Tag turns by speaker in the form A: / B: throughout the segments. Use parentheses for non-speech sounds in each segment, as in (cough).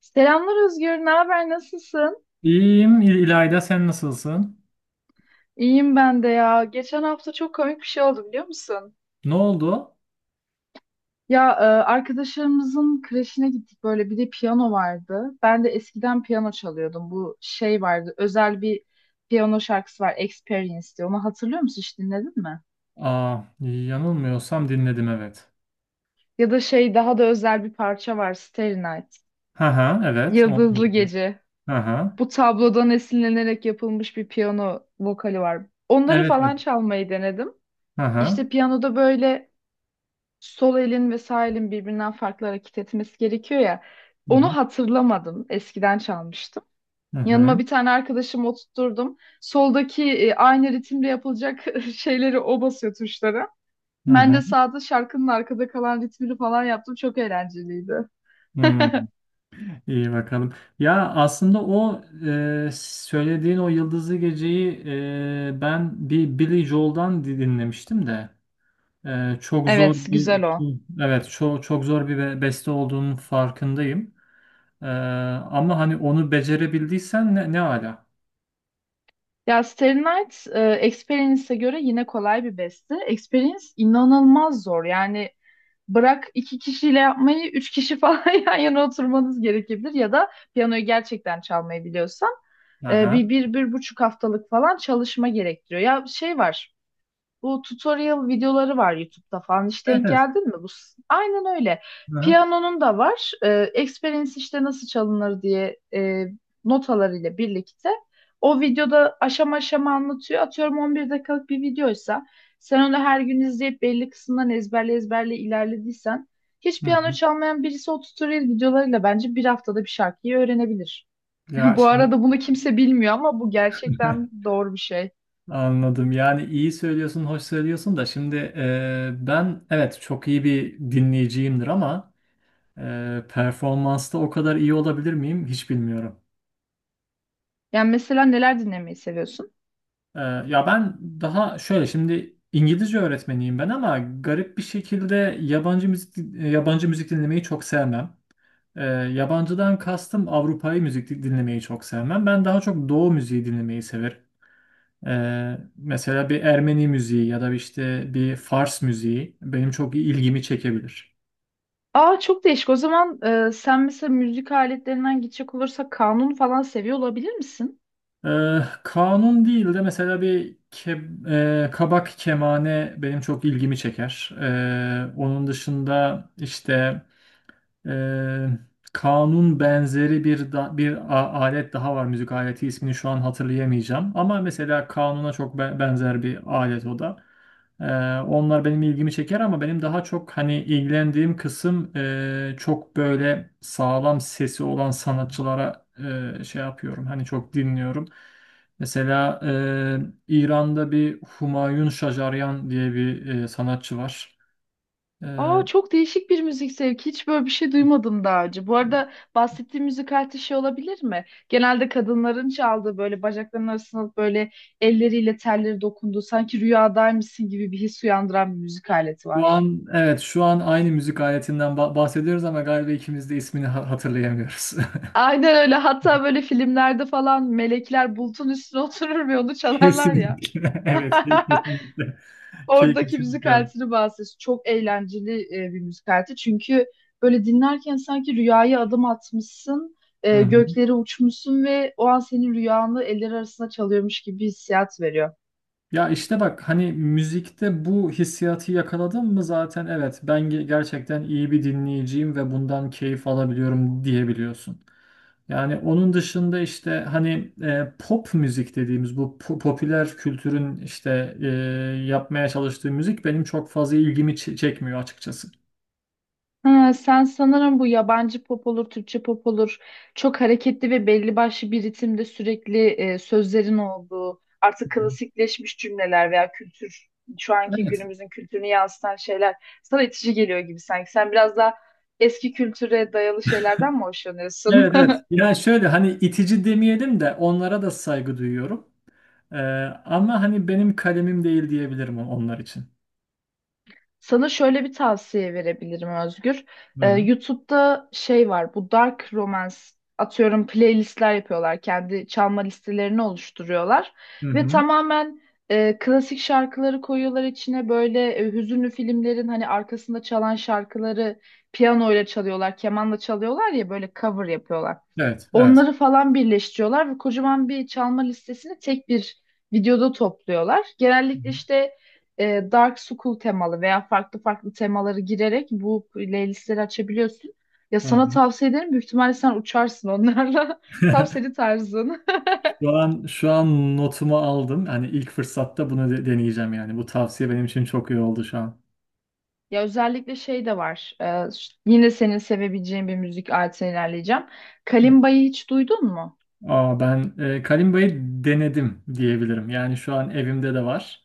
A: Selamlar Özgür, ne haber, nasılsın?
B: İyiyim İlayda, sen nasılsın?
A: İyiyim ben de ya. Geçen hafta çok komik bir şey oldu biliyor musun?
B: Ne oldu?
A: Ya arkadaşlarımızın kreşine gittik böyle bir de piyano vardı. Ben de eskiden piyano çalıyordum. Bu şey vardı özel bir piyano şarkısı var Experience diye. Onu hatırlıyor musun hiç dinledin mi?
B: Aa, yanılmıyorsam dinledim, evet.
A: Ya da şey daha da özel bir parça var Starry Night.
B: Hı hı, evet. Onu
A: Yıldızlı
B: biliyorum.
A: Gece.
B: Hı hı.
A: Bu tablodan esinlenerek yapılmış bir piyano vokali var. Onları
B: Evet, evet.
A: falan çalmayı denedim.
B: Hı hı.
A: İşte piyanoda böyle sol elin ve sağ elin birbirinden farklı hareket etmesi gerekiyor ya.
B: Hı hı.
A: Onu hatırlamadım. Eskiden çalmıştım.
B: Hı
A: Yanıma
B: hı.
A: bir tane arkadaşımı oturtturdum. Soldaki aynı ritimle yapılacak (laughs) şeyleri o basıyor tuşları.
B: Hı
A: Ben
B: hı.
A: de sağda şarkının arkada kalan ritmini falan yaptım. Çok eğlenceliydi.
B: Hmm,
A: (laughs)
B: İyi bakalım. Ya aslında o söylediğin o Yıldızlı Gece'yi ben bir Billy Joel'dan dinlemiştim de çok zor
A: Evet, güzel
B: bir,
A: o.
B: evet, çok çok zor bir beste olduğunun farkındayım. Ee, ama hani onu becerebildiysen ne ala.
A: Ya Starry Night, Experience'e göre yine kolay bir beste. Experience inanılmaz zor. Yani bırak iki kişiyle yapmayı, 3 kişi falan (laughs) yan yana oturmanız gerekebilir ya da piyanoyu gerçekten çalmayı biliyorsan
B: Aha.
A: 1,5 haftalık falan çalışma gerektiriyor. Ya şey var, bu tutorial videoları var YouTube'da falan. Hiç
B: Evet,
A: denk
B: evet.
A: geldin mi? Aynen öyle.
B: Aha.
A: Piyanonun da var. Experience işte nasıl çalınır diye notalarıyla birlikte. O videoda aşama aşama anlatıyor. Atıyorum 11 dakikalık bir videoysa sen onu her gün izleyip belli kısımdan ezberle ezberle ilerlediysen hiç
B: Hı
A: piyano
B: hı.
A: çalmayan birisi o tutorial videolarıyla bence bir haftada bir şarkıyı öğrenebilir. (laughs)
B: Ya
A: Bu
B: şimdi
A: arada bunu kimse bilmiyor ama bu gerçekten
B: (laughs)
A: doğru bir şey.
B: anladım. Yani iyi söylüyorsun, hoş söylüyorsun da şimdi ben, evet, çok iyi bir dinleyiciyimdir ama performansta o kadar iyi olabilir miyim hiç bilmiyorum.
A: Yani mesela neler dinlemeyi seviyorsun?
B: Ya ben daha şöyle şimdi İngilizce öğretmeniyim ben ama garip bir şekilde yabancı müzik dinlemeyi çok sevmem. Yabancıdan kastım Avrupa'yı müzik dinlemeyi çok sevmem. Ben daha çok Doğu müziği dinlemeyi severim. Mesela bir Ermeni müziği ya da işte bir Fars müziği benim çok ilgimi çekebilir.
A: Aa, çok değişik. O zaman sen mesela müzik aletlerinden gidecek olursak kanun falan seviyor olabilir misin?
B: Kanun değil de mesela kabak kemane benim çok ilgimi çeker. Onun dışında işte. Ee, kanun benzeri bir alet daha var, müzik aleti ismini şu an hatırlayamayacağım ama mesela kanuna çok benzer bir alet o da. Ee, onlar benim ilgimi çeker ama benim daha çok hani ilgilendiğim kısım çok böyle sağlam sesi olan sanatçılara şey yapıyorum, hani çok dinliyorum. Mesela İran'da bir Humayun Şajaryan diye bir sanatçı var. E,
A: Aa, çok değişik bir müzik zevki. Hiç böyle bir şey duymadım daha önce. Bu arada bahsettiğim müzik aleti şey olabilir mi? Genelde kadınların çaldığı böyle bacaklarının arasına alıp böyle elleriyle telleri dokunduğu sanki rüyadaymışsın gibi bir his uyandıran bir müzik aleti
B: Şu
A: var.
B: an, evet, şu an aynı müzik aletinden bahsediyoruz ama galiba ikimiz de ismini hatırlayamıyoruz.
A: Aynen öyle. Hatta böyle filmlerde falan melekler bulutun üstüne (laughs) oturur ve onu
B: (laughs)
A: çalarlar ya.
B: Kesinlikle. (laughs) Evet,
A: (laughs)
B: kesinlikle.
A: Oradaki müzik
B: Kesinlikle.
A: aletini bahsediyorsun. Çok eğlenceli bir müzik aleti. Çünkü böyle dinlerken sanki rüyaya adım atmışsın,
B: Hı hı.
A: göklere uçmuşsun ve o an senin rüyanı eller arasında çalıyormuş gibi bir hissiyat veriyor.
B: Ya işte bak hani müzikte bu hissiyatı yakaladım mı zaten, evet, ben gerçekten iyi bir dinleyiciyim ve bundan keyif alabiliyorum diyebiliyorsun. Yani onun dışında işte hani pop müzik dediğimiz bu popüler kültürün işte yapmaya çalıştığı müzik benim çok fazla ilgimi çekmiyor açıkçası.
A: Ha, sen sanırım bu yabancı pop olur, Türkçe pop olur. Çok hareketli ve belli başlı bir ritimde sürekli sözlerin olduğu, artık klasikleşmiş cümleler veya kültür, şu anki
B: Evet.
A: günümüzün kültürünü yansıtan şeyler sana itici geliyor gibi sanki. Sen biraz daha eski kültüre dayalı şeylerden mi hoşlanıyorsun?
B: Evet, evet. Yani şöyle hani itici demeyelim de onlara da saygı duyuyorum. E, ama hani benim kalemim değil diyebilirim onlar için.
A: Sana şöyle bir tavsiye verebilirim Özgür.
B: Hı hı.
A: YouTube'da şey var, bu dark romance atıyorum playlistler yapıyorlar. Kendi çalma listelerini oluşturuyorlar.
B: Hı
A: Ve
B: hı.
A: tamamen klasik şarkıları koyuyorlar içine. Böyle hüzünlü filmlerin hani arkasında çalan şarkıları piyanoyla çalıyorlar, kemanla çalıyorlar ya böyle cover yapıyorlar.
B: Evet, evet.
A: Onları falan birleştiriyorlar ve kocaman bir çalma listesini tek bir videoda topluyorlar. Genellikle işte Dark School temalı veya farklı farklı temaları girerek bu playlistleri açabiliyorsun. Ya
B: Hı
A: sana
B: hı.
A: tavsiye ederim. Büyük ihtimalle sen uçarsın onlarla. (laughs) Tam senin tarzın. (laughs)
B: Şu an notumu aldım. Hani ilk fırsatta bunu deneyeceğim yani. Bu tavsiye benim için çok iyi oldu şu an.
A: Ya özellikle şey de var. Yine senin sevebileceğin bir müzik aletine ilerleyeceğim. Kalimba'yı hiç duydun mu?
B: Aa, ben Kalimba'yı denedim diyebilirim. Yani şu an evimde de var.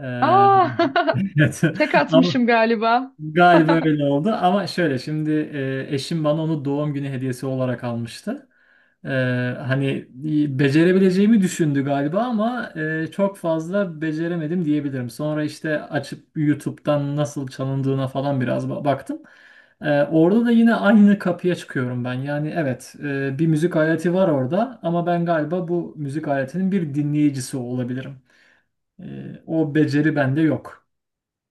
B: Ee,
A: Aa,
B: (laughs) evet.
A: (laughs) tek
B: Ama
A: atmışım galiba.
B: galiba öyle oldu. Ama şöyle şimdi eşim bana onu doğum günü hediyesi olarak almıştı. Ee, hani becerebileceğimi düşündü galiba ama çok fazla beceremedim diyebilirim. Sonra işte açıp YouTube'dan nasıl çalındığına falan biraz baktım. Orada da yine aynı kapıya çıkıyorum ben. Yani, evet, bir müzik aleti var orada ama ben galiba bu müzik aletinin bir dinleyicisi olabilirim. O beceri bende yok.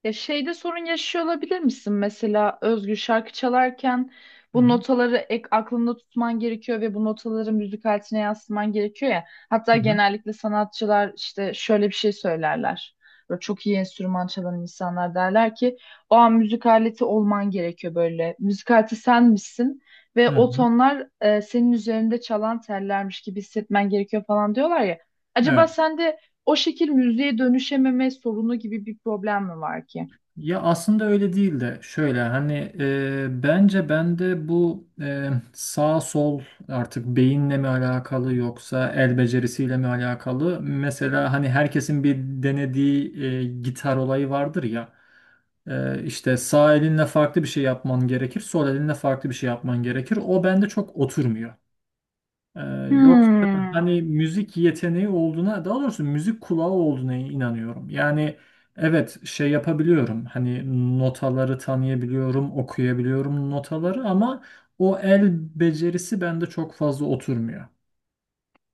A: Ya şeyde sorun yaşıyor olabilir misin? Mesela Özgür şarkı çalarken
B: Hı
A: bu
B: hı.
A: notaları ek aklında tutman gerekiyor ve bu notaları müzik aletine yansıtman gerekiyor ya. Hatta
B: Hı hı.
A: genellikle sanatçılar işte şöyle bir şey söylerler. Böyle çok iyi enstrüman çalan insanlar derler ki o an müzik aleti olman gerekiyor böyle. Müzik aleti sen misin ve
B: Hı
A: o
B: hı.
A: tonlar senin üzerinde çalan tellermiş gibi hissetmen gerekiyor falan diyorlar ya. Acaba
B: Evet.
A: sende o şekil müziğe dönüşememe sorunu gibi bir problem mi var ki?
B: Ya aslında öyle değil de şöyle hani bence bende bu sağ sol artık beyinle mi alakalı yoksa el becerisiyle mi alakalı? Mesela hani herkesin bir denediği gitar olayı vardır ya. E, işte sağ elinle farklı bir şey yapman gerekir, sol elinle farklı bir şey yapman gerekir. O bende çok oturmuyor. Ee, yoksa
A: Hmm.
B: hani müzik yeteneği olduğuna, daha doğrusu müzik kulağı olduğuna inanıyorum. Yani, evet, şey yapabiliyorum. Hani notaları tanıyabiliyorum, okuyabiliyorum notaları ama o el becerisi bende çok fazla oturmuyor.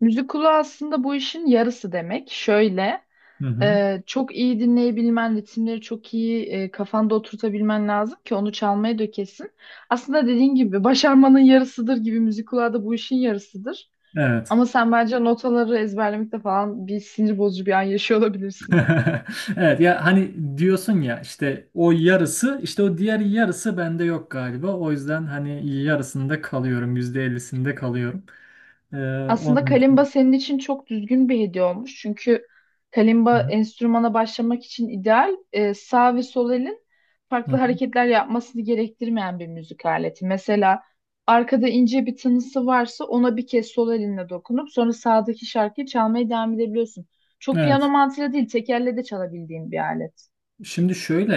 A: Müzik kulağı aslında bu işin yarısı demek. Şöyle,
B: Hı hı.
A: çok iyi dinleyebilmen, ritimleri çok iyi kafanda oturtabilmen lazım ki onu çalmaya dökesin. Aslında dediğin gibi başarmanın yarısıdır gibi müzik kulağı da bu işin yarısıdır.
B: Evet.
A: Ama sen bence notaları ezberlemekte falan bir sinir bozucu bir an yaşıyor olabilirsin.
B: (laughs) Evet ya hani diyorsun ya işte o yarısı işte o diğer yarısı bende yok galiba. O yüzden hani yarısında kalıyorum. %50'sinde kalıyorum. Ee,
A: Aslında
B: onun
A: kalimba
B: için.
A: senin için çok düzgün bir hediye olmuş. Çünkü
B: Hı
A: kalimba
B: hı.
A: enstrümana başlamak için ideal. Sağ ve sol elin
B: Hı
A: farklı
B: hı.
A: hareketler yapmasını gerektirmeyen bir müzik aleti. Mesela arkada ince bir tınısı varsa ona bir kez sol elinle dokunup sonra sağdaki şarkıyı çalmaya devam edebiliyorsun. Çok piyano
B: Evet.
A: mantığıyla değil, tek elle de çalabildiğin bir alet.
B: Şimdi şöyle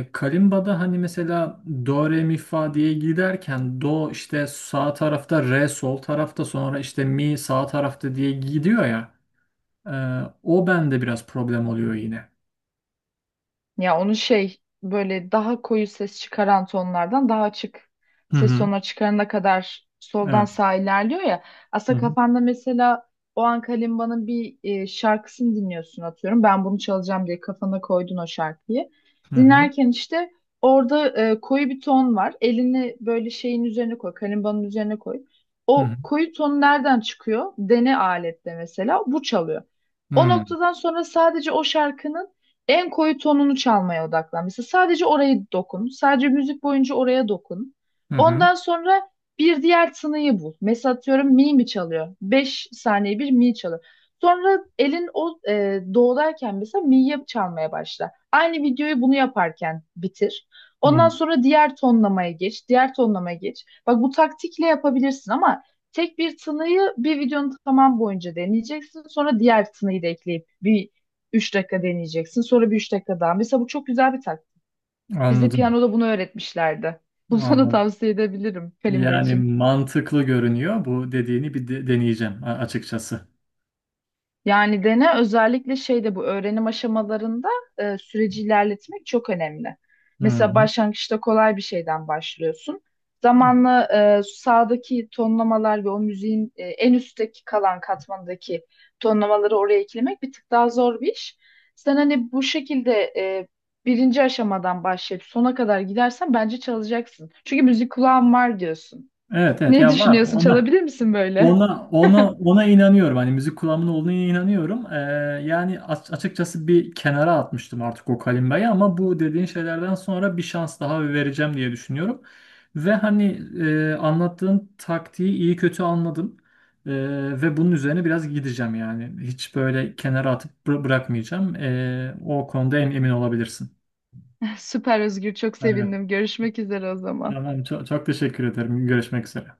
B: Kalimba'da hani mesela do re mi fa diye giderken do işte sağ tarafta, re sol tarafta, sonra işte mi sağ tarafta diye gidiyor ya e, o bende biraz problem oluyor yine.
A: Ya onu şey böyle daha koyu ses çıkaran tonlardan daha açık
B: Hı
A: ses
B: hı.
A: tonuna çıkarana kadar soldan
B: Evet.
A: sağa ilerliyor ya.
B: Hı
A: Aslında
B: hı.
A: kafanda mesela o an kalimbanın bir şarkısını dinliyorsun atıyorum. Ben bunu çalacağım diye kafana koydun o şarkıyı.
B: Hı hı.
A: Dinlerken işte orada koyu bir ton var. Elini böyle şeyin üzerine koy, kalimbanın üzerine koy.
B: Hı
A: O koyu ton nereden çıkıyor? Dene aletle mesela bu çalıyor. O
B: hı.
A: noktadan sonra sadece o şarkının en koyu tonunu çalmaya odaklan. Mesela sadece orayı dokun. Sadece müzik boyunca oraya dokun.
B: Hı hı.
A: Ondan sonra bir diğer tınıyı bul. Mesela atıyorum mi mi çalıyor? 5 saniye bir mi çalıyor. Sonra elin o doğdayken mesela mi'yi çalmaya başla. Aynı videoyu bunu yaparken bitir. Ondan
B: Hı.
A: sonra diğer tonlamaya geç, diğer tonlamaya geç. Bak bu taktikle yapabilirsin ama tek bir tınıyı bir videonun tamam boyunca deneyeceksin. Sonra diğer tınıyı da ekleyip bir 3 dakika deneyeceksin. Sonra bir 3 dakika daha. Mesela bu çok güzel bir taktik. Bize
B: Anladım.
A: piyanoda bunu öğretmişlerdi. Bunu (laughs) sana
B: Anladım.
A: tavsiye edebilirim kalimba
B: Yani
A: için.
B: mantıklı görünüyor. Bu dediğini bir deneyeceğim açıkçası.
A: Yani dene özellikle şeyde bu öğrenim aşamalarında süreci ilerletmek çok önemli.
B: Hı
A: Mesela
B: hı.
A: başlangıçta kolay bir şeyden başlıyorsun. Zamanla sağdaki tonlamalar ve o müziğin en üstteki kalan katmandaki tonlamaları oraya eklemek bir tık daha zor bir iş. Sen hani bu şekilde e, birinci aşamadan başlayıp sona kadar gidersen bence çalacaksın. Çünkü müzik kulağın var diyorsun.
B: Evet, evet,
A: Ne
B: ya var
A: düşünüyorsun?
B: ona.
A: Çalabilir misin böyle?
B: Ona inanıyorum. Hani müzik kulağımın olduğuna inanıyorum. Yani açıkçası bir kenara atmıştım artık o kalimbayı ama bu dediğin şeylerden sonra bir şans daha vereceğim diye düşünüyorum. Ve hani anlattığın taktiği iyi kötü anladım. Ee, ve bunun üzerine biraz gideceğim yani. Hiç böyle kenara atıp bırakmayacağım. O konuda emin olabilirsin.
A: (laughs) Süper Özgür, çok
B: Aynen.
A: sevindim. Görüşmek üzere o zaman.
B: Tamam, çok, çok teşekkür ederim. Görüşmek üzere.